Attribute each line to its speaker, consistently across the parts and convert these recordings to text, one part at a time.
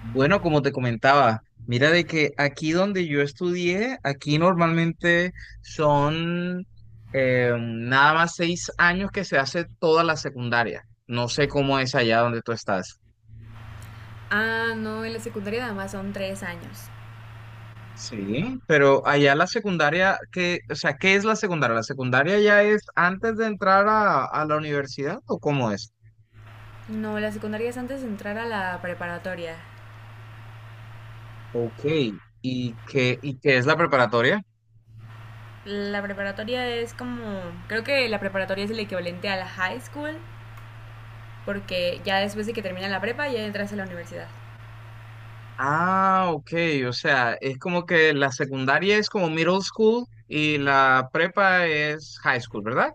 Speaker 1: Bueno, como te comentaba, mira de que aquí donde yo estudié, aquí normalmente son nada más 6 años que se hace toda la secundaria. No sé cómo es allá donde tú estás.
Speaker 2: Ah, no, en la secundaria nada más son 3 años.
Speaker 1: Sí, pero allá la secundaria, que, o sea, ¿qué es la secundaria? ¿La secundaria ya es antes de entrar a la universidad o cómo es?
Speaker 2: No, la secundaria es antes de entrar a la preparatoria.
Speaker 1: Ok, y qué es la preparatoria?
Speaker 2: La preparatoria es como... Creo que la preparatoria es el equivalente a la high school, porque ya después de que termina la prepa ya entras a la universidad.
Speaker 1: Ah, ok, o sea, es como que la secundaria es como middle school y la prepa es high school, ¿verdad?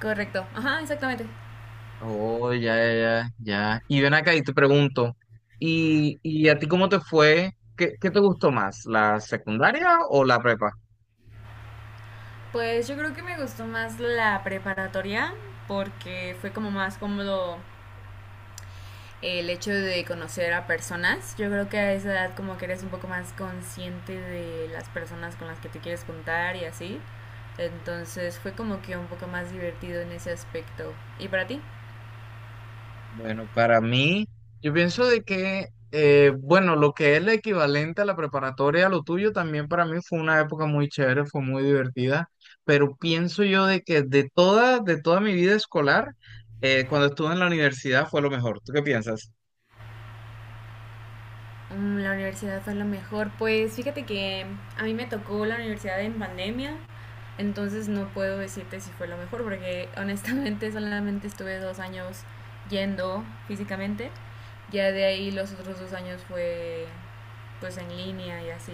Speaker 2: Correcto, ajá, exactamente.
Speaker 1: Oh, ya, ya, ya, ya. Y ven acá y te pregunto, y a ti cómo te fue? ¿Qué, qué te gustó más, la secundaria o la prepa?
Speaker 2: Pues yo creo que me gustó más la preparatoria porque fue como más cómodo el hecho de conocer a personas. Yo creo que a esa edad como que eres un poco más consciente de las personas con las que te quieres juntar y así. Entonces fue como que un poco más divertido en ese aspecto. ¿Y para ti?
Speaker 1: Bueno, para mí, yo pienso de que, bueno, lo que es la equivalente a la preparatoria, lo tuyo también para mí fue una época muy chévere, fue muy divertida, pero pienso yo de que de toda mi vida escolar, cuando estuve en la universidad fue lo mejor. ¿Tú qué piensas?
Speaker 2: Mm, la universidad fue lo mejor. Pues fíjate que a mí me tocó la universidad en pandemia, entonces no puedo decirte si fue lo mejor, porque honestamente solamente estuve 2 años yendo físicamente. Ya de ahí los otros 2 años fue pues en línea y así.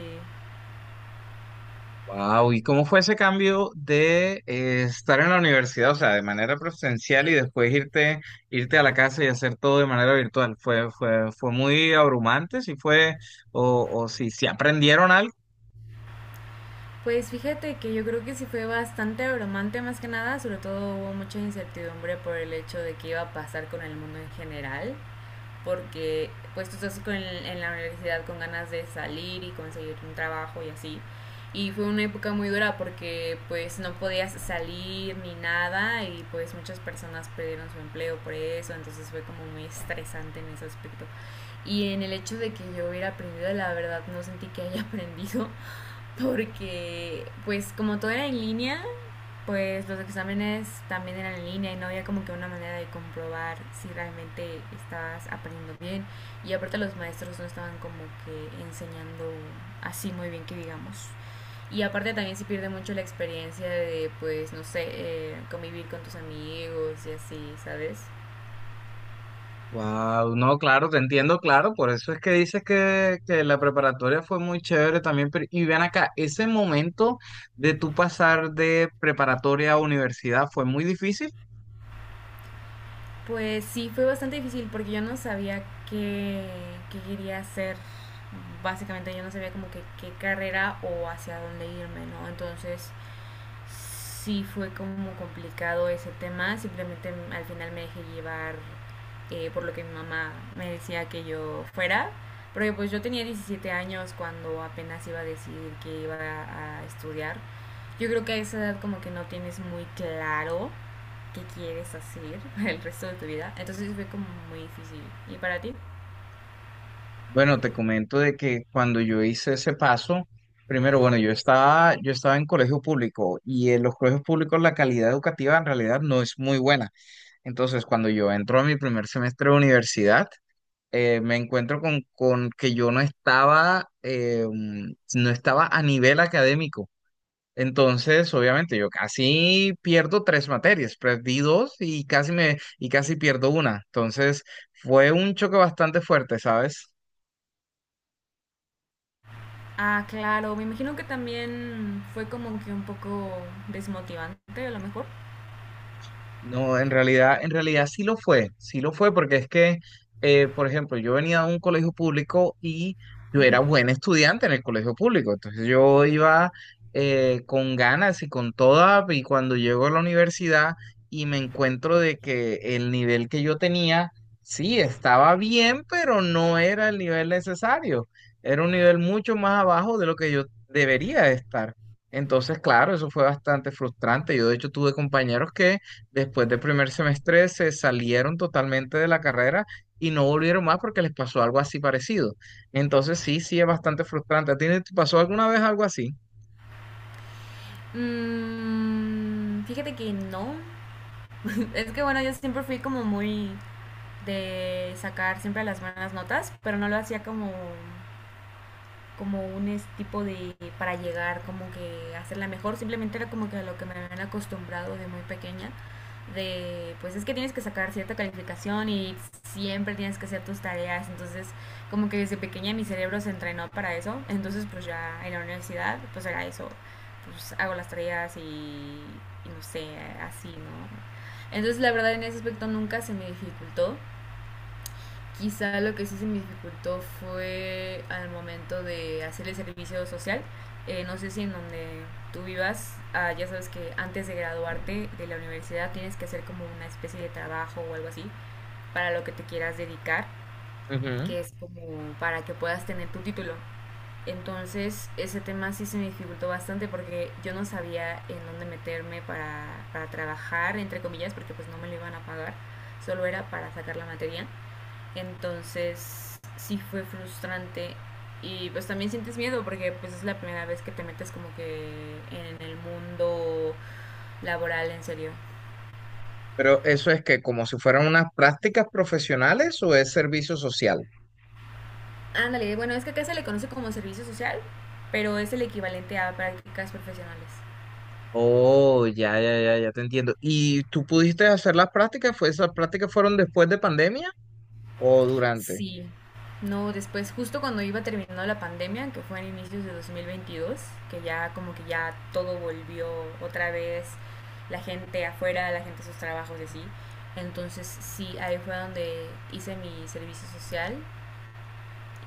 Speaker 1: Wow, ¿y cómo fue ese cambio de estar en la universidad, o sea, de manera presencial y después irte, irte a la casa y hacer todo de manera virtual? ¿Fue, fue, fue muy abrumante? ¿Sí fue, o si aprendieron algo?
Speaker 2: Pues fíjate que yo creo que sí fue bastante abrumante más que nada, sobre todo hubo mucha incertidumbre por el hecho de qué iba a pasar con el mundo en general porque pues tú estás con, en la universidad con ganas de salir y conseguir un trabajo y así. Y fue una época muy dura porque pues no podías salir ni nada y pues muchas personas perdieron su empleo por eso, entonces fue como muy estresante en ese aspecto. Y en el hecho de que yo hubiera aprendido, la verdad no sentí que haya aprendido porque pues como todo era en línea, pues los exámenes también eran en línea y no había como que una manera de comprobar si realmente estabas aprendiendo bien. Y aparte los maestros no estaban como que enseñando así muy bien que digamos. Y aparte también se pierde mucho la experiencia de, pues, no sé, convivir con tus amigos y así, ¿sabes?
Speaker 1: Wow, no, claro, te entiendo, claro, por eso es que dices que la preparatoria fue muy chévere también, pero y ven acá, ese momento de tú pasar de preparatoria a universidad fue muy difícil.
Speaker 2: Pues sí, fue bastante difícil porque yo no sabía qué, qué quería hacer. Básicamente yo no sabía como que qué carrera o hacia dónde irme, ¿no? Entonces sí fue como complicado ese tema, simplemente al final me dejé llevar por lo que mi mamá me decía que yo fuera, porque pues yo tenía 17 años cuando apenas iba a decidir que iba a estudiar. Yo creo que a esa edad como que no tienes muy claro qué quieres hacer el resto de tu vida, entonces sí fue como muy difícil. ¿Y para ti?
Speaker 1: Bueno, te comento de que cuando yo hice ese paso, primero, bueno, yo estaba en colegio público y en los colegios públicos la calidad educativa en realidad no es muy buena. Entonces, cuando yo entro a mi primer semestre de universidad, me encuentro con que yo no estaba, no estaba a nivel académico. Entonces, obviamente, yo casi pierdo 3 materias, perdí dos y casi me, y casi pierdo una. Entonces, fue un choque bastante fuerte, ¿sabes?
Speaker 2: Ah, claro, me imagino que también fue como que un poco desmotivante a lo mejor.
Speaker 1: No, en realidad sí lo fue, porque es que, por ejemplo, yo venía de un colegio público y yo era buen estudiante en el colegio público, entonces yo iba con ganas y con toda, y cuando llego a la universidad y me encuentro de que el nivel que yo tenía, sí, estaba bien, pero no era el nivel necesario, era un nivel mucho más abajo de lo que yo debería estar. Entonces, claro, eso fue bastante frustrante. Yo, de hecho, tuve compañeros que después del primer semestre se salieron totalmente de la carrera y no volvieron más porque les pasó algo así parecido. Entonces sí, sí es bastante frustrante. ¿A ti te pasó alguna vez algo así?
Speaker 2: Mm, fíjate que no. Es que bueno, yo siempre fui como muy de sacar siempre las buenas notas, pero no lo hacía como como un tipo de para llegar, como que hacerla mejor, simplemente era como que a lo que me habían acostumbrado de muy pequeña, de pues es que tienes que sacar cierta calificación y siempre tienes que hacer tus tareas, entonces como que desde pequeña mi cerebro se entrenó para eso, entonces pues ya en la universidad pues era eso, pues hago las tareas y no sé, así, ¿no? Entonces la verdad en ese aspecto nunca se me dificultó. Quizá lo que sí se me dificultó fue al momento de hacer el servicio social. No sé si en donde tú vivas, ya sabes que antes de graduarte de la universidad tienes que hacer como una especie de trabajo o algo así para lo que te quieras dedicar,
Speaker 1: Ujú.
Speaker 2: que es como para que puedas tener tu título. Entonces ese tema sí se me dificultó bastante porque yo no sabía en dónde meterme para trabajar, entre comillas, porque pues no me lo iban a pagar, solo era para sacar la materia. Entonces, sí fue frustrante y pues también sientes miedo porque pues es la primera vez que te metes como que en el mundo laboral en serio.
Speaker 1: Pero eso es que como si fueran unas prácticas profesionales o es servicio social.
Speaker 2: Ándale, bueno, es que acá se le conoce como servicio social, pero es el equivalente a prácticas profesionales.
Speaker 1: Oh, ya, ya, ya, ya te entiendo. ¿Y tú pudiste hacer las prácticas? ¿Fue, esas prácticas fueron después de pandemia o durante?
Speaker 2: Sí, no, después justo cuando iba terminando la pandemia, que fue en inicios de 2022 que ya como que ya todo volvió otra vez, la gente afuera, la gente a sus trabajos y así. Entonces sí, ahí fue donde hice mi servicio social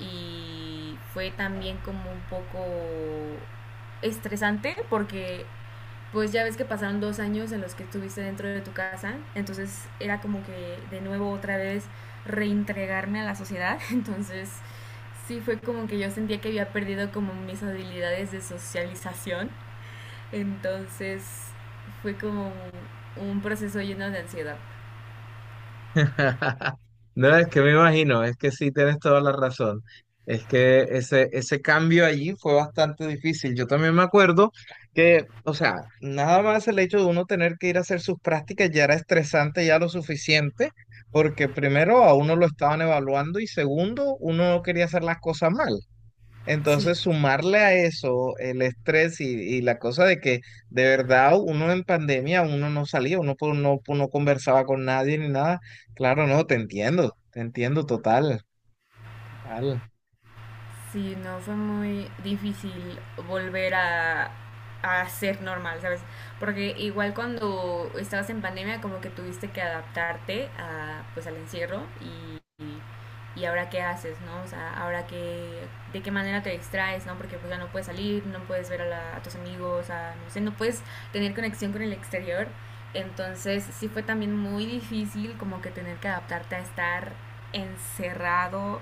Speaker 2: y fue también como un poco estresante porque pues ya ves que pasaron 2 años en los que estuviste dentro de tu casa, entonces era como que de nuevo otra vez reintegrarme a la sociedad, entonces sí fue como que yo sentía que había perdido como mis habilidades de socialización, entonces fue como un proceso lleno de ansiedad.
Speaker 1: No, es que me imagino, es que sí tienes toda la razón. Es que ese cambio allí fue bastante difícil. Yo también me acuerdo que, o sea, nada más el hecho de uno tener que ir a hacer sus prácticas ya era estresante ya lo suficiente, porque primero a uno lo estaban evaluando y segundo, uno no quería hacer las cosas mal. Entonces,
Speaker 2: Sí,
Speaker 1: sumarle a eso el estrés y la cosa de que de verdad uno en pandemia, uno no salía, uno po- no conversaba con nadie ni nada. Claro, no, te entiendo total, total.
Speaker 2: Sí, no, fue muy difícil volver a ser normal, ¿sabes? Porque igual cuando estabas en pandemia como que tuviste que adaptarte a, pues, al encierro y ahora qué haces, ¿no? O sea, ahora qué, de qué manera te distraes, ¿no? Porque pues ya no puedes salir, no puedes ver a, a tus amigos, a, no sé, no puedes tener conexión con el exterior. Entonces sí fue también muy difícil como que tener que adaptarte a estar encerrado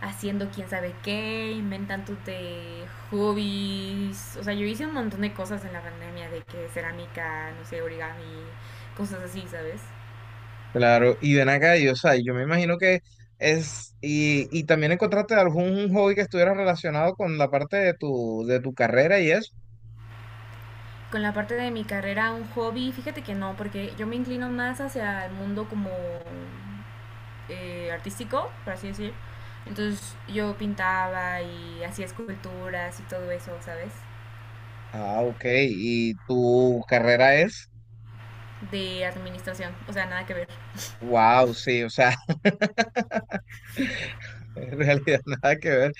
Speaker 2: haciendo quién sabe qué, inventándote hobbies. O sea, yo hice un montón de cosas en la pandemia, de que cerámica, no sé, origami, cosas así, ¿sabes?
Speaker 1: Claro, y ven acá, y, o sea, yo me imagino que es, y también encontraste algún un hobby que estuviera relacionado con la parte de tu carrera y eso.
Speaker 2: Con la parte de mi carrera, un hobby, fíjate que no, porque yo me inclino más hacia el mundo como artístico, por así decir. Entonces yo pintaba y hacía esculturas y todo eso, ¿sabes?
Speaker 1: Ah, ok, y tu carrera es,
Speaker 2: De administración, o sea, nada que ver.
Speaker 1: wow, sí, o sea. En realidad nada que ver.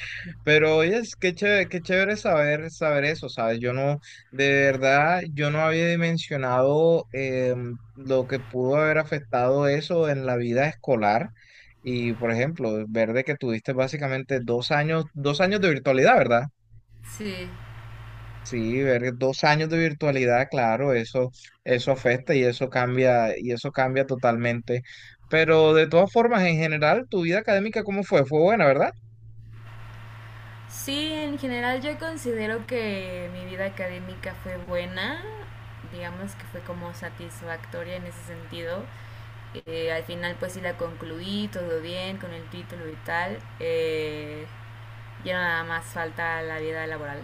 Speaker 1: Pero oye, es qué chévere saber, saber eso, ¿sabes? Yo no, de verdad, yo no había dimensionado lo que pudo haber afectado eso en la vida escolar. Y por ejemplo, ver de que tuviste básicamente dos años, 2 años de virtualidad, ¿verdad?
Speaker 2: Sí,
Speaker 1: Sí, ver 2 años de virtualidad, claro, eso afecta y eso cambia totalmente. Pero de todas formas, en general, tu vida académica, ¿cómo fue? Fue buena, ¿verdad?
Speaker 2: Sí, en general yo considero que mi vida académica fue buena, digamos que fue como satisfactoria en ese sentido. Al final pues sí la concluí, todo bien con el título y tal. Ya nada más falta la vida laboral.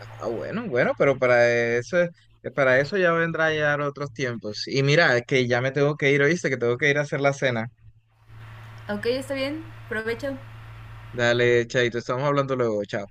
Speaker 1: Ah, bueno, bueno, pero para eso ya vendrá ya otros tiempos. Y mira, que ya me tengo que ir, ¿oíste? Que tengo que ir a hacer la cena.
Speaker 2: Ok, está bien, provecho.
Speaker 1: Dale, chaito, estamos hablando luego, chao.